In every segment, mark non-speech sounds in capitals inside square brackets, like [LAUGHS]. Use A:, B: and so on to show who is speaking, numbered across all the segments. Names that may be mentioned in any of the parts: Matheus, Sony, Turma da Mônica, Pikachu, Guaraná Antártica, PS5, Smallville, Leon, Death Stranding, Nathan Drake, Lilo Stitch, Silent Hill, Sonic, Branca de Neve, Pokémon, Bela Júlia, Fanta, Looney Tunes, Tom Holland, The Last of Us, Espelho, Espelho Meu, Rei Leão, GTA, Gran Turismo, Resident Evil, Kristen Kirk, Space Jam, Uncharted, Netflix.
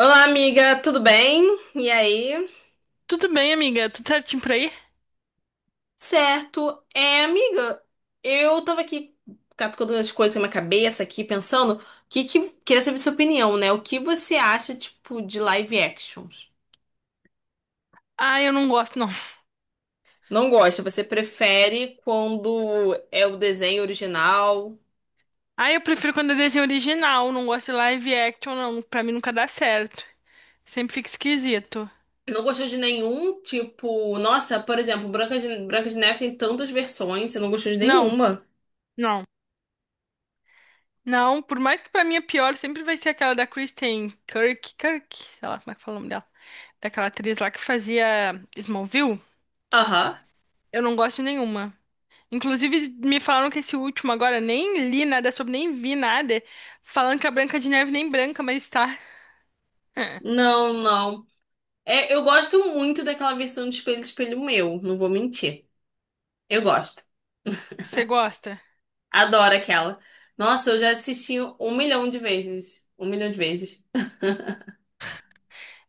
A: Olá, amiga, tudo bem? E aí?
B: Tudo bem, amiga? Tudo certinho por aí?
A: Certo. Amiga, eu tava aqui catucando as coisas na minha cabeça aqui, pensando, o que queria saber sua opinião, né? O que você acha, tipo, de live actions?
B: Ah, eu não gosto, não.
A: Não gosta? Você prefere quando é o desenho original?
B: Ah, eu prefiro quando é desenho original. Não gosto de live action, não. Pra mim nunca dá certo. Sempre fica esquisito.
A: Não gostou de nenhum, tipo, nossa, por exemplo, Branca de Neve tem tantas versões, você não gostou de
B: Não,
A: nenhuma?
B: não. Não, por mais que pra mim é pior, sempre vai ser aquela da Kristen Kirk, Kirk, sei lá como é que fala o nome dela. Daquela atriz lá que fazia Smallville.
A: Aham.
B: Eu não gosto de nenhuma. Inclusive, me falaram que esse último agora, nem li nada sobre, nem vi nada. Falando que a Branca de Neve nem branca, mas tá. [LAUGHS]
A: Não, não. Eu gosto muito daquela versão de Espelho Meu, não vou mentir. Eu gosto.
B: Você gosta?
A: Adoro aquela. Nossa, eu já assisti um milhão de vezes. Um milhão de vezes.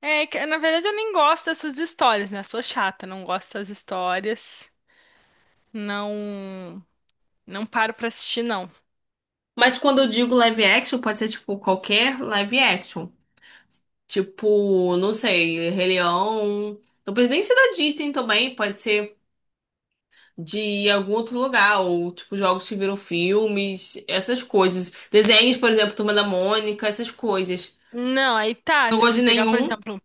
B: É, que, na verdade eu nem gosto dessas histórias, né? Sou chata, não gosto dessas histórias. Não, não paro pra assistir, não.
A: Mas quando eu digo live action, pode ser tipo qualquer live action. Tipo, não sei, Rei Leão. Não precisa nem ser da Disney também, pode ser de algum outro lugar, ou tipo jogos que viram filmes, essas coisas. Desenhos, por exemplo, Turma da Mônica, essas coisas.
B: Não, aí
A: Eu
B: tá,
A: não
B: se
A: gosto
B: você
A: de
B: pegar, por
A: nenhum.
B: exemplo,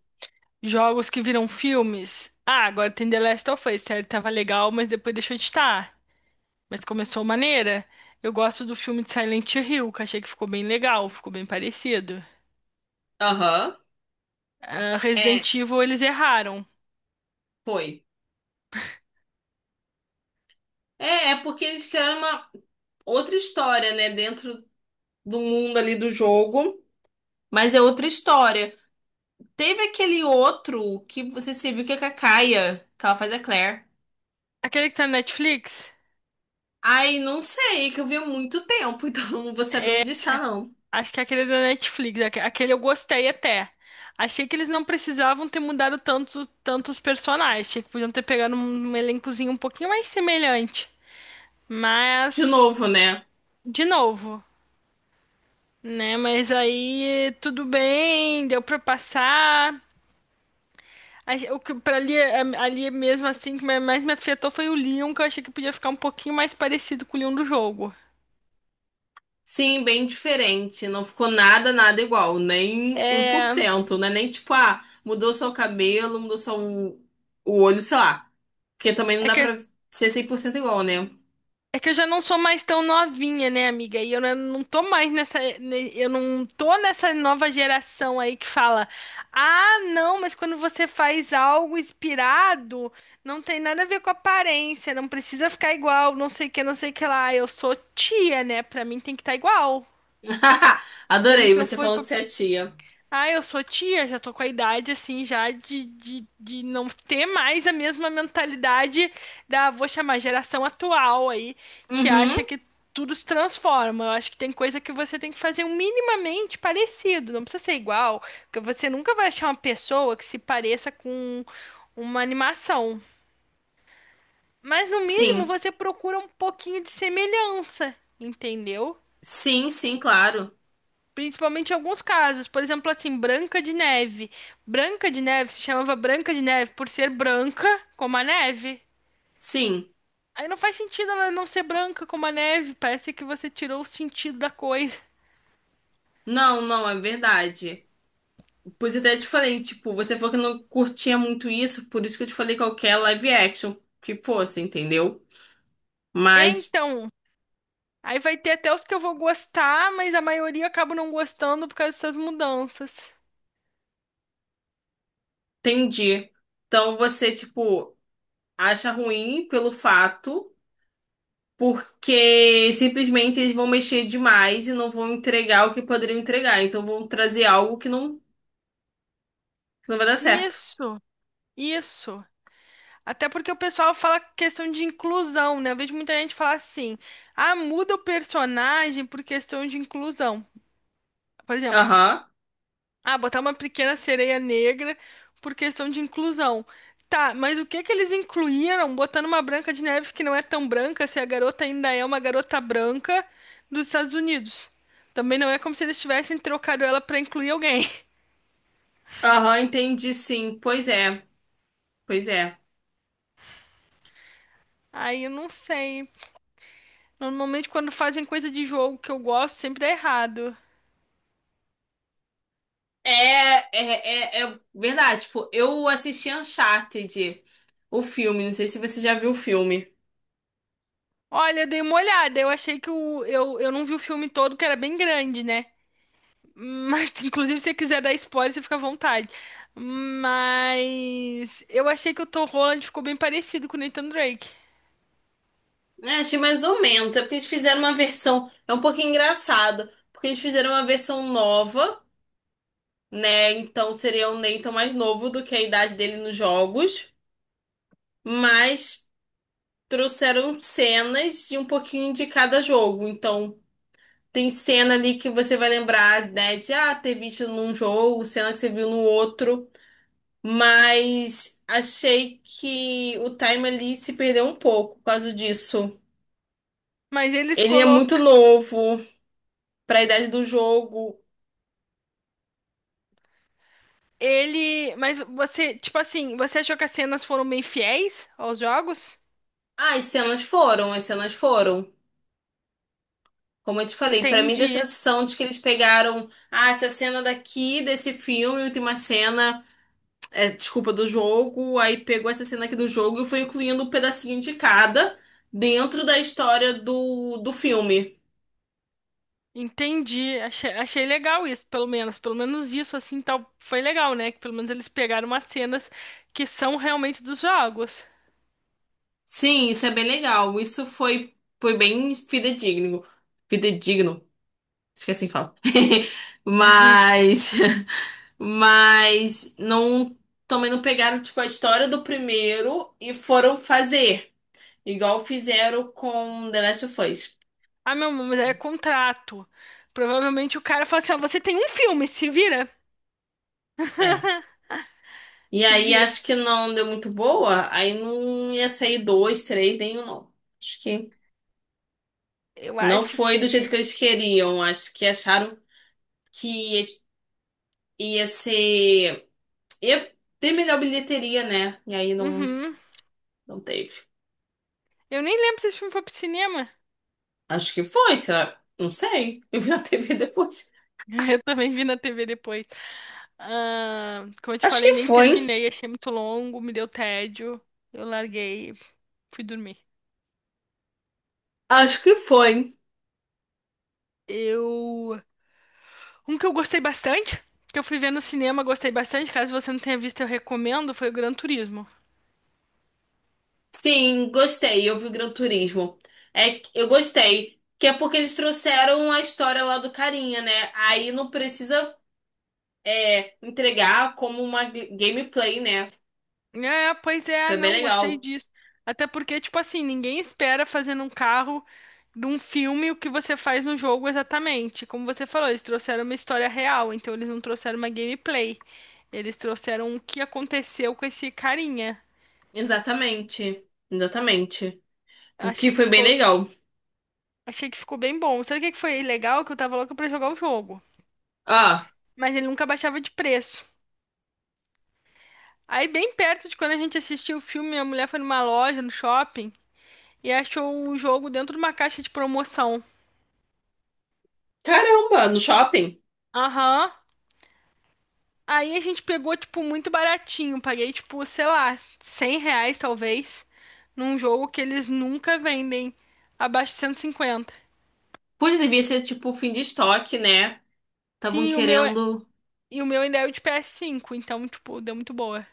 B: jogos que viram filmes. Ah, agora tem The Last of Us, sério, tava legal, mas depois deixou de estar. Mas começou maneira. Eu gosto do filme de Silent Hill, que achei que ficou bem legal, ficou bem parecido.
A: Aham.
B: Ah,
A: É,
B: Resident Evil, eles erraram.
A: foi. É porque eles criaram uma outra história, né? Dentro do mundo ali do jogo. Mas é outra história. Teve aquele outro que você se viu que é com a Kaia, que ela faz a Claire.
B: Aquele que tá na Netflix?
A: Ai, não sei, que eu vi há muito tempo, [LAUGHS] então não vou saber onde está, não.
B: Acho que aquele da Netflix, aquele eu gostei até. Achei que eles não precisavam ter mudado tantos personagens. Achei que podiam ter pegado um, um elencozinho um pouquinho mais semelhante.
A: De
B: Mas,
A: novo, né?
B: de novo, né? Mas aí tudo bem, deu pra passar. O que pra ali, ali mesmo assim que mais me afetou foi o Leon, que eu achei que podia ficar um pouquinho mais parecido com o Leon do jogo.
A: Sim, bem diferente. Não ficou nada, nada igual. Nem um por
B: É,
A: cento, né? Nem tipo, ah, mudou só o cabelo, o olho, sei lá. Porque também não
B: é
A: dá
B: que
A: pra ser 100% igual, né?
B: É que eu já não sou mais tão novinha, né, amiga? E eu não tô mais nessa. Eu não tô nessa nova geração aí que fala: ah, não, mas quando você faz algo inspirado, não tem nada a ver com aparência, não precisa ficar igual, não sei o que, não sei o que lá. Eu sou tia, né? Pra mim tem que estar igual.
A: [LAUGHS]
B: Pra mim,
A: Adorei
B: se não
A: você
B: for
A: falando
B: pra
A: que você é tia.
B: ah, eu sou tia, já tô com a idade assim, já de não ter mais a mesma mentalidade da, vou chamar, geração atual aí, que
A: Uhum,
B: acha que tudo se transforma. Eu acho que tem coisa que você tem que fazer um minimamente parecido, não precisa ser igual, porque você nunca vai achar uma pessoa que se pareça com uma animação. Mas no mínimo
A: sim.
B: você procura um pouquinho de semelhança, entendeu?
A: Sim, sim, claro.
B: Principalmente em alguns casos, por exemplo, assim, Branca de Neve. Branca de Neve se chamava Branca de Neve por ser branca como a neve.
A: Sim.
B: Aí não faz sentido ela não ser branca como a neve, parece que você tirou o sentido da coisa.
A: Não, não, é verdade. Pois eu até te falei, tipo, você falou que não curtia muito isso, por isso que eu te falei qualquer live action que fosse, entendeu? Mas
B: Então, aí vai ter até os que eu vou gostar, mas a maioria eu acabo não gostando por causa dessas mudanças.
A: entendi. Então você, tipo, acha ruim pelo fato, porque simplesmente eles vão mexer demais e não vão entregar o que poderiam entregar. Então vão trazer algo que não vai dar certo.
B: Isso, isso. Até porque o pessoal fala questão de inclusão, né? Eu vejo muita gente falar assim: ah, muda o personagem por questão de inclusão. Por exemplo.
A: Aham.
B: Ah, botar uma pequena sereia negra por questão de inclusão. Tá, mas o que que eles incluíram botando uma Branca de Neves que não é tão branca, se a garota ainda é uma garota branca dos Estados Unidos? Também não é como se eles tivessem trocado ela pra incluir alguém. [LAUGHS]
A: Aham, entendi sim. Pois é.
B: Aí eu não sei. Normalmente quando fazem coisa de jogo que eu gosto, sempre dá errado.
A: É verdade. Tipo, eu assisti Uncharted, o filme. Não sei se você já viu o filme.
B: Olha, eu dei uma olhada, eu achei que eu não vi o filme todo, que era bem grande, né? Mas, [LAUGHS] inclusive, se você quiser dar spoiler, você fica à vontade. Mas eu achei que o Tom Holland ficou bem parecido com o Nathan Drake.
A: É, achei mais ou menos. É porque eles fizeram uma versão. É um pouquinho engraçado. Porque eles fizeram uma versão nova, né? Então seria o Nathan mais novo do que a idade dele nos jogos. Mas trouxeram cenas de um pouquinho de cada jogo. Então. Tem cena ali que você vai lembrar, né, de ah, ter visto num jogo, cena que você viu no outro, mas achei que o time ali se perdeu um pouco por causa disso.
B: Mas eles
A: Ele é muito
B: colocam
A: novo para a idade do jogo.
B: ele, mas você, tipo assim, você achou que as cenas foram bem fiéis aos jogos?
A: Ah, as cenas foram. Como eu te falei, para mim dá a
B: Entendi.
A: sensação de que eles pegaram, ah, essa cena daqui desse filme, última cena. Desculpa, do jogo, aí pegou essa cena aqui do jogo e foi incluindo um pedacinho de cada dentro da história do filme.
B: Entendi. Achei, achei legal isso, pelo menos isso assim, tal, foi legal, né? Que pelo menos eles pegaram umas cenas que são realmente dos jogos.
A: Sim, isso é bem legal. Foi bem fidedigno. Fidedigno. Esqueci que é assim fala. [LAUGHS] Mas, mas não, também não pegaram, tipo, a história do primeiro e foram fazer. Igual fizeram com The Last of Us.
B: Ah, meu, amor, mas aí é contrato. Provavelmente o cara fala assim, ó, você tem um filme, se vira.
A: É.
B: [LAUGHS]
A: E
B: Se
A: aí
B: vira.
A: acho que não deu muito boa, aí não ia sair dois, três, nenhum, não. Acho que
B: Eu
A: não
B: acho
A: foi do jeito
B: que.
A: que eles queriam. Acho que acharam que ia, ia ser. Ia ter melhor bilheteria, né? E aí não,
B: Uhum.
A: não teve.
B: Eu nem lembro se esse filme foi pro cinema.
A: Acho que foi, será? Não sei. [LAUGHS] Eu vi na TV depois.
B: [LAUGHS] Eu também vi na TV depois. Ah, como eu te
A: Acho
B: falei,
A: que
B: nem
A: foi, hein?
B: terminei. Achei muito longo, me deu tédio. Eu larguei, fui dormir.
A: Acho que foi.
B: Eu. Um que eu gostei bastante, que eu fui ver no cinema, gostei bastante. Caso você não tenha visto, eu recomendo, foi o Gran Turismo.
A: Sim, gostei. Eu vi o Gran Turismo. Eu gostei. Que é porque eles trouxeram a história lá do carinha, né? Aí não precisa. Entregar como uma gameplay, né?
B: É, pois é,
A: Foi bem
B: não gostei
A: legal.
B: disso. Até porque, tipo assim, ninguém espera fazer num carro de um filme o que você faz no jogo exatamente. Como você falou, eles trouxeram uma história real, então eles não trouxeram uma gameplay. Eles trouxeram o que aconteceu com esse carinha.
A: Exatamente. Exatamente. O que
B: Achei que
A: foi bem
B: ficou,
A: legal.
B: achei que ficou bem bom. Sabe o que que foi legal? Que eu tava louca pra jogar o jogo.
A: Ah,
B: Mas ele nunca baixava de preço. Aí, bem perto de quando a gente assistiu o filme, a mulher foi numa loja, no shopping, e achou o jogo dentro de uma caixa de promoção.
A: caramba, no shopping.
B: Aham. Aí a gente pegou, tipo, muito baratinho. Paguei, tipo, sei lá, R$ 100 talvez, num jogo que eles nunca vendem abaixo de 150.
A: Pois devia ser tipo fim de estoque, né? Estavam
B: Sim, o meu, é-
A: querendo.
B: e o meu ainda é o de PS5, então, tipo, deu muito boa.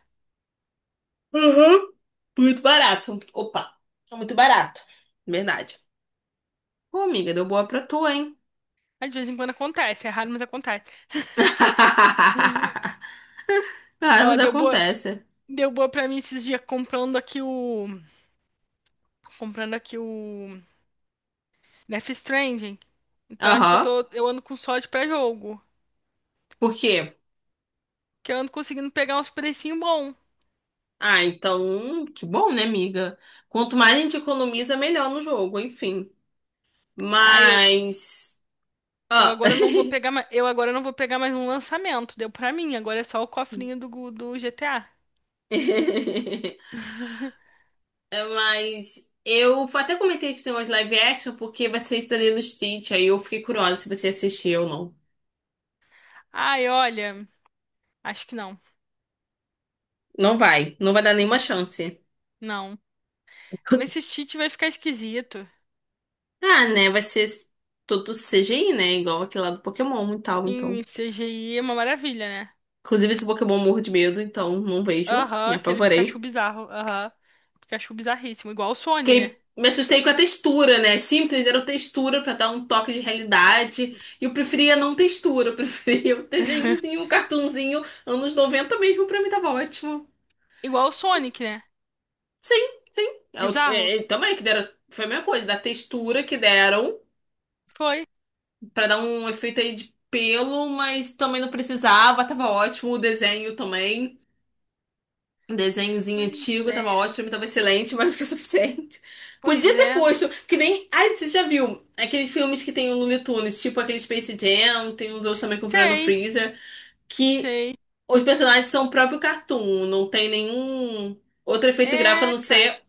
A: Uhum. Muito barato. Opa, tá muito barato. Verdade. Pô, amiga, deu boa pra tu, hein?
B: Mas de vez em quando acontece, é raro, mas acontece. Uhum.
A: [LAUGHS] Cara,
B: Ó,
A: mas acontece.
B: deu boa pra mim esses dias comprando aqui o Death Stranding. Então acho que eu
A: Aham.
B: tô, eu ando com sorte pra jogo,
A: Por quê?
B: que eu ando conseguindo pegar uns precinho bom.
A: Ah, então, que bom, né, amiga? Quanto mais a gente economiza, melhor no jogo, enfim.
B: Aí
A: Mas. Ó.
B: Eu agora não vou pegar mais um lançamento, deu pra mim, agora é só o cofrinho do, do GTA.
A: [LAUGHS] É, mas eu até comentei que tem umas live action porque vai ser isso da Lilo Stitch. Aí eu fiquei curiosa se você assistiu ou não.
B: Ai, olha, acho que não.
A: Não vai, não vai dar nenhuma
B: Não,
A: chance.
B: não. Esse
A: [LAUGHS]
B: cheat vai ficar esquisito.
A: Ah, né? Vai ser tudo CGI, né? Igual aquele lá do Pokémon e tal, então.
B: Em CGI é uma maravilha, né?
A: Inclusive, esse Pokémon eu morro de medo, então não vejo,
B: Aham,
A: me
B: aquele Pikachu
A: apavorei.
B: bizarro. Aham. Pikachu bizarríssimo, igual o Sony, né?
A: Fiquei, me assustei com a textura, né? É simples, era o textura pra dar um toque de realidade. E eu preferia não textura, eu preferia um
B: [LAUGHS]
A: desenhozinho, um cartunzinho, anos 90 mesmo, pra mim tava ótimo.
B: Igual o Sonic, né?
A: Sim, sim.
B: Bizarro?
A: Também que deram, foi a mesma coisa, da textura que deram
B: Foi.
A: pra dar um efeito aí de pelo, mas também não precisava, tava ótimo o desenho também. Um desenhozinho
B: Pois
A: antigo, tava
B: é.
A: ótimo, pra mim tava excelente, [LAUGHS] mais do que o suficiente.
B: Pois
A: Podia ter
B: é.
A: posto, que nem. Ai, você já viu aqueles filmes que tem o Looney Tunes, tipo aquele Space Jam, tem uns outros também com o Brandon
B: Sei,
A: Freezer, que
B: sei.
A: os personagens são o próprio cartoon, não tem nenhum outro efeito gráfico a
B: É,
A: não
B: cara.
A: ser.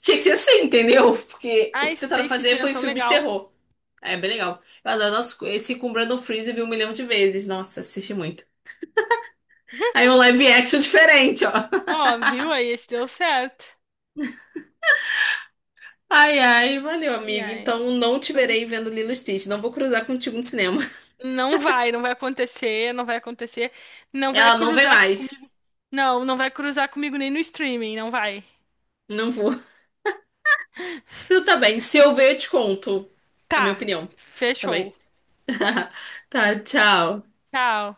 A: Tinha que ser assim, entendeu? Porque o
B: A
A: que tentaram
B: Space
A: fazer
B: Jam é
A: foi
B: tão
A: filmes de
B: legal.
A: terror. É bem legal. Eu adoro nossa, esse com o Brandon Freezer vi um milhão de vezes. Nossa, assisti muito. Aí
B: [LAUGHS]
A: um live action diferente, ó.
B: Ó, viu aí? Esse deu certo.
A: Ai, ai, valeu,
B: Ai,
A: amiga.
B: ai.
A: Então não te
B: Então,
A: verei vendo Lilo e Stitch. Não vou cruzar contigo no cinema. [LAUGHS]
B: não vai, não vai acontecer, não vai acontecer. Não vai
A: Ela não vem
B: cruzar
A: mais.
B: comigo. Não, não vai cruzar comigo nem no streaming, não vai.
A: Não vou. [LAUGHS] Então tá bem. Se eu ver, eu te conto a minha
B: Tá,
A: opinião. Tá bem?
B: fechou.
A: [LAUGHS] Tá, tchau.
B: Tchau.